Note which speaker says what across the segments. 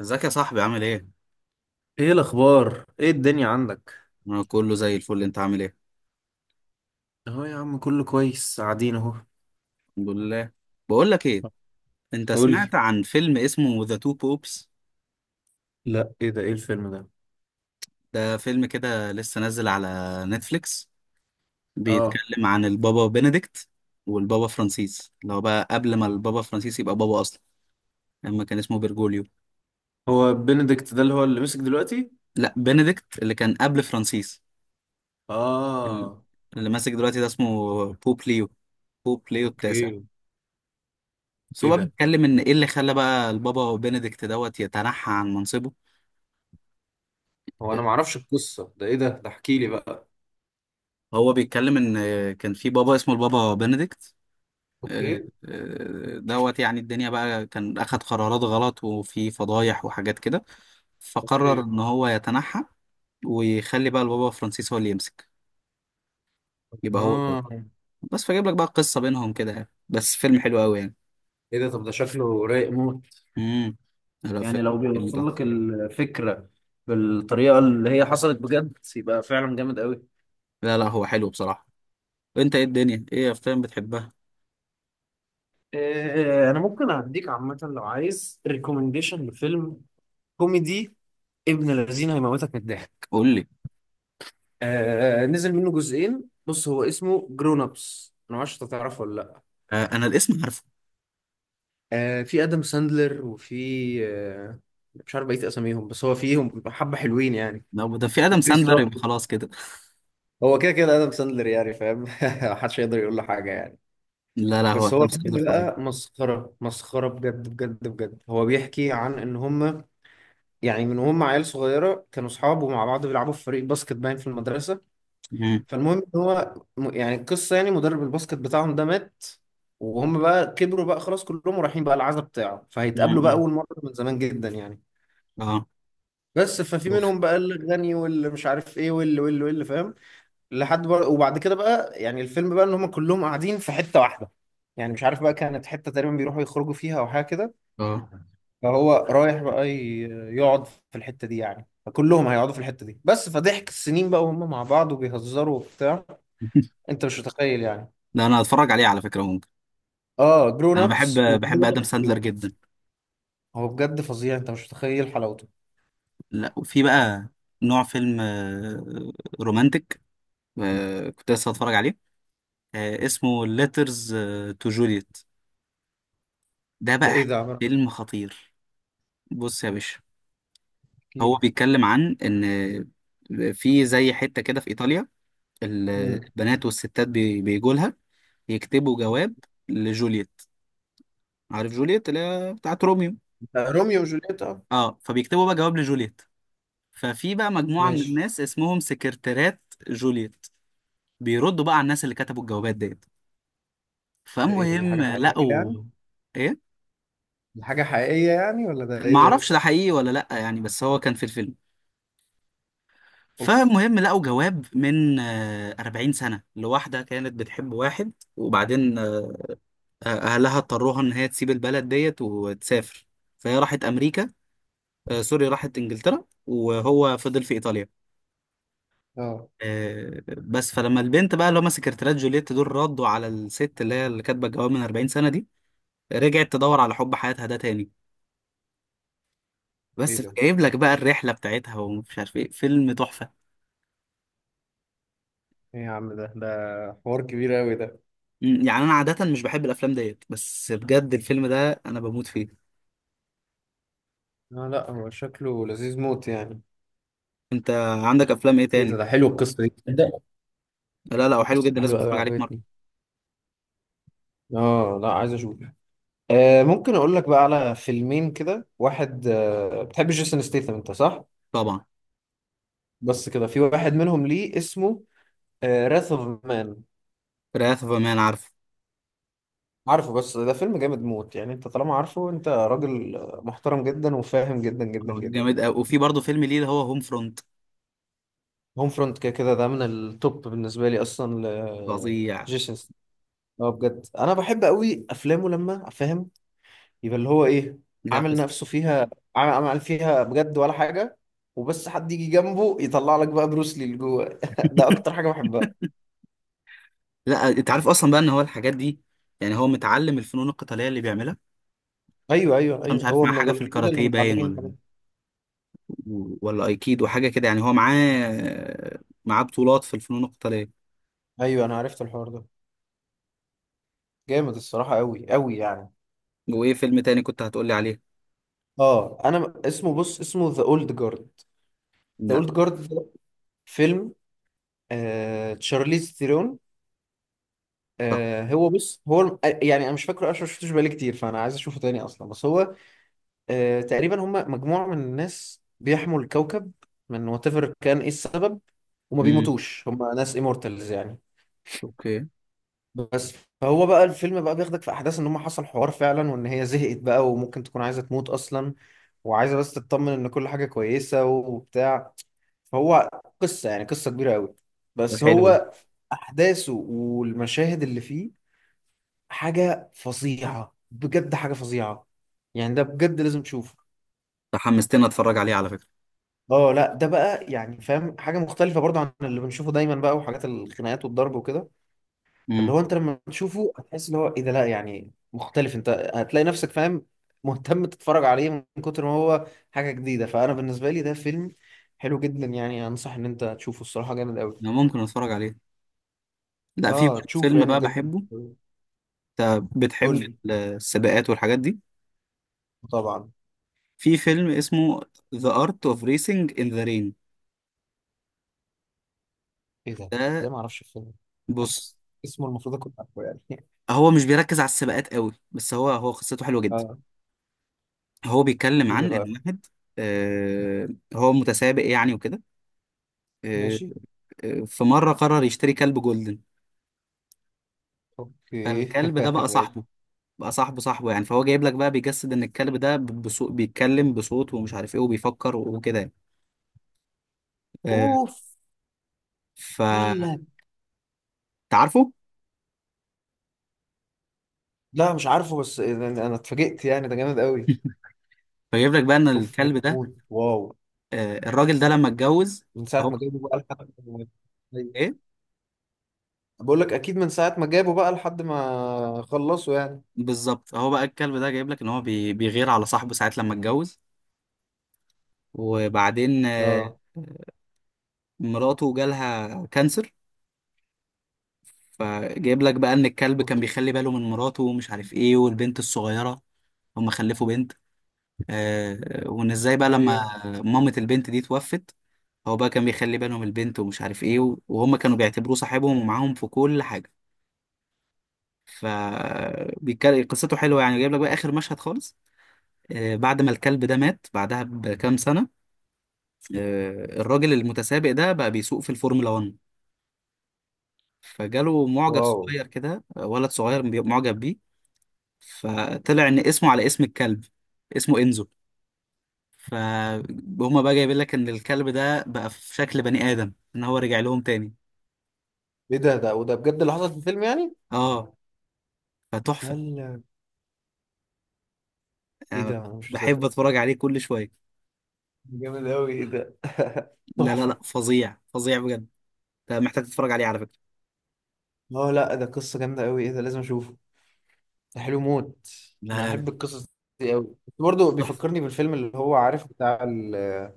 Speaker 1: ازيك يا صاحبي؟ عامل ايه؟
Speaker 2: ايه الاخبار؟ ايه الدنيا عندك؟
Speaker 1: انا كله زي الفل، انت عامل ايه؟
Speaker 2: اهو يا عم كله كويس، قاعدين اهو.
Speaker 1: الحمد لله. بقول لك ايه، انت
Speaker 2: قولي.
Speaker 1: سمعت عن فيلم اسمه ذا تو بوبس؟
Speaker 2: لا، ايه ده؟ ايه الفيلم ده؟
Speaker 1: ده فيلم كده لسه نازل على نتفليكس،
Speaker 2: اه.
Speaker 1: بيتكلم عن البابا بنديكت والبابا فرانسيس، اللي هو بقى قبل ما البابا فرانسيس يبقى بابا اصلا لما كان اسمه بيرجوليو.
Speaker 2: هو بنديكت ده اللي هو اللي مسك دلوقتي؟
Speaker 1: لا، بنديكت اللي كان قبل فرانسيس. ال-
Speaker 2: اه.
Speaker 1: اللي ماسك دلوقتي ده اسمه بوب ليو، بوب ليو التاسع.
Speaker 2: اوكي.
Speaker 1: بس هو
Speaker 2: ايه
Speaker 1: بقى
Speaker 2: ده؟
Speaker 1: بيتكلم ان ايه اللي خلى بقى البابا بنديكت دوت يتنحى عن منصبه.
Speaker 2: هو انا معرفش القصة ده، ايه ده احكي لي بقى.
Speaker 1: هو بيتكلم ان كان في بابا اسمه البابا بنديكت. آه،
Speaker 2: اوكي.
Speaker 1: دوت، يعني الدنيا بقى كان اخد قرارات غلط وفي فضايح وحاجات كده، فقرر
Speaker 2: اوكي.
Speaker 1: ان هو يتنحى ويخلي بقى البابا فرانسيس هو اللي يمسك، يبقى هو البابا.
Speaker 2: اه.
Speaker 1: بس فجيب لك بقى قصة بينهم كده، يعني بس فيلم حلو قوي يعني.
Speaker 2: ايه ده؟ طب ده شكله رايق موت.
Speaker 1: امم لا،
Speaker 2: يعني
Speaker 1: فيلم،
Speaker 2: لو
Speaker 1: فيلم
Speaker 2: بيوصل لك
Speaker 1: تحفة.
Speaker 2: الفكرة بالطريقة اللي هي حصلت بجد، يبقى فعلا جامد قوي.
Speaker 1: لا لا، هو حلو بصراحة. انت ايه الدنيا، ايه افلام بتحبها؟
Speaker 2: إيه، انا ممكن اديك عامة لو عايز ريكومنديشن لفيلم كوميدي ابن الذين، هيموتك من الضحك.
Speaker 1: قول لي.
Speaker 2: آه، نزل منه جزئين. بص، هو اسمه جرون ابس، انا ما اعرفش انت تعرفه ولا لا.
Speaker 1: آه، انا الاسم عارفه.
Speaker 2: آه، في ادم ساندلر وفي آه، مش عارف بقيه اساميهم، بس هو فيهم حبه حلوين يعني.
Speaker 1: لو ده في ادم
Speaker 2: وكريس
Speaker 1: ساندلر
Speaker 2: روك.
Speaker 1: يبقى خلاص كده.
Speaker 2: هو كده كده ادم ساندلر، يعني فاهم؟ محدش يقدر يقول له حاجه يعني.
Speaker 1: لا لا، هو
Speaker 2: بس هو
Speaker 1: ادم ساندلر
Speaker 2: فيلم
Speaker 1: فظيع.
Speaker 2: بقى مسخره مسخره، بجد بجد بجد. هو بيحكي عن ان هم يعني من هم عيال صغيره كانوا اصحاب ومع بعض بيلعبوا في فريق باسكت باين في المدرسه.
Speaker 1: مم.
Speaker 2: فالمهم ان هو يعني القصه، يعني مدرب الباسكت بتاعهم ده مات، وهم بقى كبروا بقى خلاص كلهم ورايحين بقى العزا بتاعه، فهيتقابلوا بقى
Speaker 1: مم.
Speaker 2: اول مره من زمان جدا يعني.
Speaker 1: اه.
Speaker 2: بس ففي
Speaker 1: اوف.
Speaker 2: منهم بقى الغني، واللي مش عارف ايه، واللي فاهم. لحد بقى، وبعد كده بقى يعني الفيلم بقى ان هم كلهم قاعدين في حته واحده، يعني مش عارف بقى، كانت حته تقريبا بيروحوا يخرجوا فيها او حاجه كده.
Speaker 1: اه.
Speaker 2: فهو رايح بقى يقعد في الحته دي يعني، فكلهم هيقعدوا في الحته دي. بس فضحك السنين بقى، وهم مع بعض وبيهزروا وبتاع. انت مش متخيل يعني.
Speaker 1: ده انا هتفرج عليه على فكرة، ممكن.
Speaker 2: اه، جرون
Speaker 1: انا
Speaker 2: ابس
Speaker 1: بحب، بحب
Speaker 2: وجرون
Speaker 1: ادم
Speaker 2: ابس
Speaker 1: ساندلر
Speaker 2: 2.
Speaker 1: جدا.
Speaker 2: هو بجد فظيع، انت مش متخيل حلاوته.
Speaker 1: لا، وفي بقى نوع فيلم، رومانتك، كنت لسه هتفرج عليه. اسمه ليترز تو جوليت، ده
Speaker 2: ده
Speaker 1: بقى
Speaker 2: ايه ده يا عمر؟
Speaker 1: فيلم خطير. بص يا باشا،
Speaker 2: احكي
Speaker 1: هو
Speaker 2: لي.
Speaker 1: بيتكلم عن ان في زي حتة كده في ايطاليا
Speaker 2: مم.
Speaker 1: البنات والستات بيجوا لها يكتبوا جواب لجوليت. عارف جوليت اللي هي بتاعت روميو؟
Speaker 2: ده روميو وجولييت، اه.
Speaker 1: اه، فبيكتبوا بقى جواب لجوليت. ففي بقى مجموعة من
Speaker 2: ماشي.
Speaker 1: الناس اسمهم سكرتيرات جوليت، بيردوا بقى على الناس اللي كتبوا الجوابات ديت.
Speaker 2: ده ايه ده؟ دي حاجة
Speaker 1: فالمهم
Speaker 2: حقيقية يعني؟
Speaker 1: لقوا، ايه،
Speaker 2: دي حاجة حقيقية يعني ولا ده ايه ده؟
Speaker 1: معرفش ده حقيقي ولا لأ يعني، بس هو كان في الفيلم.
Speaker 2: اوف.
Speaker 1: فالمهم لقوا جواب من 40 سنة لواحدة كانت بتحب واحد. وبعدين أهلها اضطروها إن هي تسيب البلد ديت وتسافر، فهي راحت أمريكا، سوري، راحت إنجلترا، وهو فضل في إيطاليا.
Speaker 2: اه.
Speaker 1: بس فلما البنت بقى اللي هم سكرتيرات جوليت دول ردوا على الست اللي هي اللي كاتبه الجواب من 40 سنه دي، رجعت تدور على حب حياتها ده تاني.
Speaker 2: ايه
Speaker 1: بس
Speaker 2: ده؟
Speaker 1: فجايب لك بقى الرحله بتاعتها ومش عارف ايه، فيلم تحفه.
Speaker 2: ايه يا عم ده؟ ده حوار كبير قوي ده.
Speaker 1: مم، يعني انا عاده مش بحب الافلام ديت، بس بجد الفيلم ده انا بموت فيه.
Speaker 2: لا لا، هو شكله لذيذ موت يعني.
Speaker 1: انت عندك افلام ايه
Speaker 2: ايه ده؟
Speaker 1: تاني؟
Speaker 2: ده حلو، القصة دي ده.
Speaker 1: لا لا، هو حلو
Speaker 2: القصة
Speaker 1: جدا،
Speaker 2: دي
Speaker 1: لازم
Speaker 2: حلوة قوي،
Speaker 1: تتفرج عليه في مره.
Speaker 2: عجبتني. اه لا، عايز اشوف. آه، ممكن اقول لك بقى على فيلمين كده. واحد، آه، بتحب جيسون ستيثم انت صح؟
Speaker 1: طبعا.
Speaker 2: بس كده في واحد منهم ليه اسمه راث اوف مان.
Speaker 1: وراث اوف مان عارفه.
Speaker 2: عارفه، بس ده فيلم جامد موت يعني. انت طالما عارفه، انت راجل آه، محترم جدا وفاهم جدا جدا
Speaker 1: هو
Speaker 2: جدا.
Speaker 1: جامد قوي، وفي برضه فيلم ليه اللي هو هوم فرونت.
Speaker 2: هوم فرونت كده كده ده من التوب بالنسبه لي اصلا ل
Speaker 1: فظيع.
Speaker 2: جيسون ستاثام. اه بجد، انا بحب قوي افلامه لما فاهم يبقى اللي هو ايه،
Speaker 1: لا،
Speaker 2: عامل
Speaker 1: قصه.
Speaker 2: نفسه فيها. عامل فيها بجد ولا حاجه. وبس حد يجي جنبه يطلع لك بقى بروس لي اللي جوه. ده اكتر حاجه بحبها.
Speaker 1: لا، انت عارف اصلا بقى ان هو الحاجات دي، يعني هو متعلم الفنون القتاليه اللي بيعملها.
Speaker 2: ايوه ايوه
Speaker 1: أنا مش
Speaker 2: ايوه،
Speaker 1: عارف،
Speaker 2: هو
Speaker 1: مع
Speaker 2: من
Speaker 1: حاجة في
Speaker 2: القليلين اللي
Speaker 1: الكاراتيه باين،
Speaker 2: متعلمين الحاجات
Speaker 1: ولا
Speaker 2: دي.
Speaker 1: ولا أيكيدو حاجة كده يعني، هو معاه بطولات في الفنون القتالية.
Speaker 2: ايوه، انا عرفت الحوار ده. جامد الصراحة، أوي أوي يعني.
Speaker 1: وإيه فيلم تاني كنت هتقولي عليه؟
Speaker 2: اه، انا اسمه بص، اسمه ذا اولد جارد. ذا
Speaker 1: لا.
Speaker 2: اولد جارد ده فيلم آه تشارليز ثيرون.
Speaker 1: صح.
Speaker 2: آه، هو بص هو آه، يعني انا مش فاكره اصلا، ما شفتوش بقالي كتير، فانا عايز اشوفه تاني اصلا. بس هو آه، تقريبا هم مجموعة من الناس بيحموا الكوكب من وات ايفر كان ايه السبب، وما
Speaker 1: امم.
Speaker 2: بيموتوش، هم ناس immortals يعني.
Speaker 1: أوكي.
Speaker 2: بس فهو بقى الفيلم بقى بياخدك في احداث ان هم حصل حوار فعلا، وان هي زهقت بقى وممكن تكون عايزة تموت اصلا، وعايزه بس تطمن ان كل حاجه كويسه وبتاع. فهو قصه يعني، قصه كبيره قوي.
Speaker 1: ده
Speaker 2: بس
Speaker 1: حلو ده.
Speaker 2: هو احداثه والمشاهد اللي فيه حاجه فظيعه بجد، حاجه فظيعه. يعني ده بجد لازم تشوفه.
Speaker 1: ده حمستني أتفرج عليه على فكرة.
Speaker 2: اه لا، ده بقى يعني فاهم حاجه مختلفه برضه عن اللي بنشوفه دايما بقى، وحاجات الخناقات والضرب وكده. فاللي
Speaker 1: امم.
Speaker 2: هو انت لما تشوفه هتحس اللي هو ايه ده، لا يعني مختلف. انت هتلاقي نفسك فاهم، مهتم تتفرج عليه من كتر ما هو حاجة جديدة. فانا بالنسبة لي ده فيلم حلو جدا يعني، انصح ان انت تشوفه الصراحة، جامد
Speaker 1: أنا
Speaker 2: قوي.
Speaker 1: ممكن أتفرج عليه. لا، في
Speaker 2: اه تشوفه
Speaker 1: فيلم
Speaker 2: يعني
Speaker 1: بقى
Speaker 2: بجد.
Speaker 1: بحبه. أنت
Speaker 2: قول
Speaker 1: بتحب
Speaker 2: لي.
Speaker 1: السباقات والحاجات دي؟
Speaker 2: طبعا.
Speaker 1: في فيلم اسمه The Art of Racing in the Rain.
Speaker 2: ايه ده؟ ازاي
Speaker 1: ده،
Speaker 2: ما اعرفش الفيلم ده؟ حاسس
Speaker 1: بص،
Speaker 2: اسمه المفروض اكون عارفه يعني.
Speaker 1: هو مش بيركز على السباقات قوي، بس هو هو قصته حلوة جدا.
Speaker 2: اه.
Speaker 1: هو بيتكلم
Speaker 2: ايه ده
Speaker 1: عن ان
Speaker 2: بقى؟
Speaker 1: واحد، آه، هو متسابق يعني وكده. آه،
Speaker 2: ماشي.
Speaker 1: في مره قرر يشتري كلب جولدن.
Speaker 2: اوكي.
Speaker 1: فالكلب ده بقى
Speaker 2: ماشي.
Speaker 1: صاحبه، بقى صاحبه صاحبه يعني، فهو جايب لك بقى بيجسد ان الكلب ده بصوت، بيتكلم بصوت ومش عارف ايه وبيفكر وكده يعني. آه،
Speaker 2: اوف.
Speaker 1: ف،
Speaker 2: قال لك.
Speaker 1: تعرفه؟
Speaker 2: لا مش عارفه، بس انا أنا اتفاجئت يعني، ده جامد قوي.
Speaker 1: فجايب لك بقى ان
Speaker 2: اوف،
Speaker 1: الكلب
Speaker 2: جامد
Speaker 1: ده،
Speaker 2: موت، واو.
Speaker 1: الراجل ده لما اتجوز،
Speaker 2: من ساعة
Speaker 1: هو
Speaker 2: ما جابوا بقى لحد ما- أيوة.
Speaker 1: ايه،
Speaker 2: بقول لك أكيد، من ساعة ما جابوا بقى لحد ما خلصوا يعني.
Speaker 1: بالظبط هو بقى الكلب ده جايب لك ان هو بيغير على صاحبه ساعات لما اتجوز. وبعدين
Speaker 2: اه.
Speaker 1: مراته جالها كانسر، فجايب لك بقى ان الكلب كان
Speaker 2: شفت.
Speaker 1: بيخلي باله من مراته ومش عارف ايه والبنت الصغيره، هم خلفوا بنت. آه، وان ازاي بقى لما
Speaker 2: أيوه.
Speaker 1: مامة البنت دي توفت، هو بقى كان بيخلي بالهم البنت ومش عارف ايه وهم كانوا بيعتبروه صاحبهم ومعاهم في كل حاجه. ف قصته حلوه يعني. جايب لك بقى اخر مشهد خالص، آه، بعد ما الكلب ده مات بعدها بكام سنه، آه، الراجل المتسابق ده بقى بيسوق في الفورمولا 1، فجاله معجب
Speaker 2: واو.
Speaker 1: صغير كده، ولد صغير معجب بيه، فطلع ان اسمه على اسم الكلب، اسمه انزو. فهما بقى جايبين لك ان الكلب ده بقى في شكل بني ادم، ان هو رجع لهم تاني.
Speaker 2: إيه ده؟ ده وده بجد اللي حصل في الفيلم يعني؟
Speaker 1: اه، فتحفه
Speaker 2: هلا. إيه
Speaker 1: يعني.
Speaker 2: ده؟ أنا مش مصدق.
Speaker 1: بحب اتفرج عليه كل شويه.
Speaker 2: جامد أوي، إيه ده؟
Speaker 1: لا لا
Speaker 2: تحفة.
Speaker 1: لا، فظيع فظيع بجد. انت محتاج تتفرج عليه على فكره.
Speaker 2: اه لا، ده قصة جامدة أوي. إيه ده؟ لازم أشوفه. ده حلو موت.
Speaker 1: لا
Speaker 2: أنا
Speaker 1: لا لا،
Speaker 2: أحب القصص دي أوي. برضه
Speaker 1: تحفه.
Speaker 2: بيفكرني بالفيلم اللي هو عارف بتاع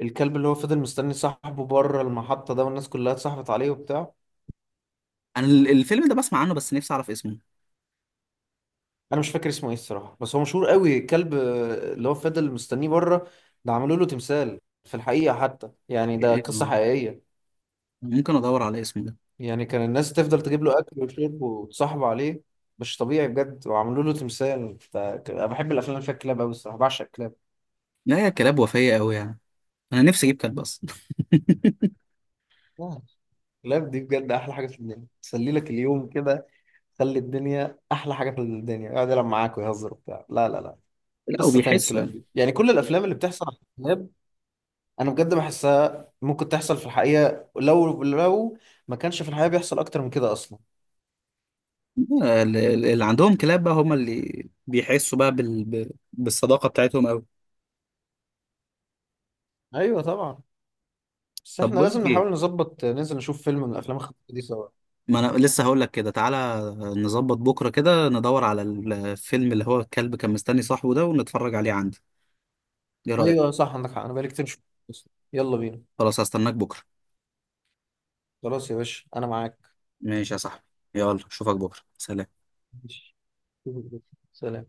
Speaker 2: الكلب، اللي هو فضل مستني صاحبه بره المحطة ده، والناس كلها اتصاحبت عليه وبتاع.
Speaker 1: انا الفيلم ده بسمع عنه، بس نفسي اعرف اسمه.
Speaker 2: انا مش فاكر اسمه ايه الصراحه، بس هو مشهور قوي. كلب آه، اللي هو فضل مستنيه بره. ده عملوا له تمثال في الحقيقه حتى يعني، ده
Speaker 1: إيه
Speaker 2: قصه
Speaker 1: ده؟
Speaker 2: حقيقيه.
Speaker 1: ممكن ادور على اسمه ده.
Speaker 2: يعني كان الناس تفضل تجيب له اكل وشرب وتصاحبه عليه، مش طبيعي بجد. وعملوا له تمثال. انا بحب الافلام اللي فيها كلاب قوي الصراحه، بعشق الكلاب.
Speaker 1: لا، يا كلاب، وفيه قوي يعني، انا نفسي اجيب كلب اصلا.
Speaker 2: آه، الكلاب دي بجد احلى حاجه في الدنيا، تسلي لك اليوم كده، خلي الدنيا احلى حاجه في الدنيا، يقعد يلعب معاك ويهزر وبتاع. لا لا لا،
Speaker 1: لا،
Speaker 2: قصه تاني
Speaker 1: وبيحسوا
Speaker 2: الكلاب
Speaker 1: يعني.
Speaker 2: دي يعني. كل الافلام اللي بتحصل على الكلاب انا بجد بحسها ممكن تحصل في الحقيقه، لو ما كانش في الحقيقه بيحصل اكتر من كده اصلا.
Speaker 1: اللي عندهم كلاب بقى هم اللي بيحسوا بقى بالصداقة بتاعتهم قوي.
Speaker 2: ايوه طبعا. بس
Speaker 1: طب
Speaker 2: احنا
Speaker 1: بقول
Speaker 2: لازم
Speaker 1: لك ايه،
Speaker 2: نحاول نظبط ننزل نشوف فيلم من الافلام الخفيفه دي سوا.
Speaker 1: ما انا لسه هقول لك كده، تعالى نظبط بكرة كده ندور على الفيلم اللي هو الكلب كان مستني صاحبه ده ونتفرج عليه عندي، ايه رأيك؟
Speaker 2: ايوه صح، عندك حق، انا بقالي كتير مش شفته أصلاً. يلا بينا.
Speaker 1: خلاص، هستناك بكرة.
Speaker 2: خلاص يا باشا، انا معاك.
Speaker 1: ماشي يا صاحبي، يلا اشوفك بكرة، سلام.
Speaker 2: ماشي. سلام.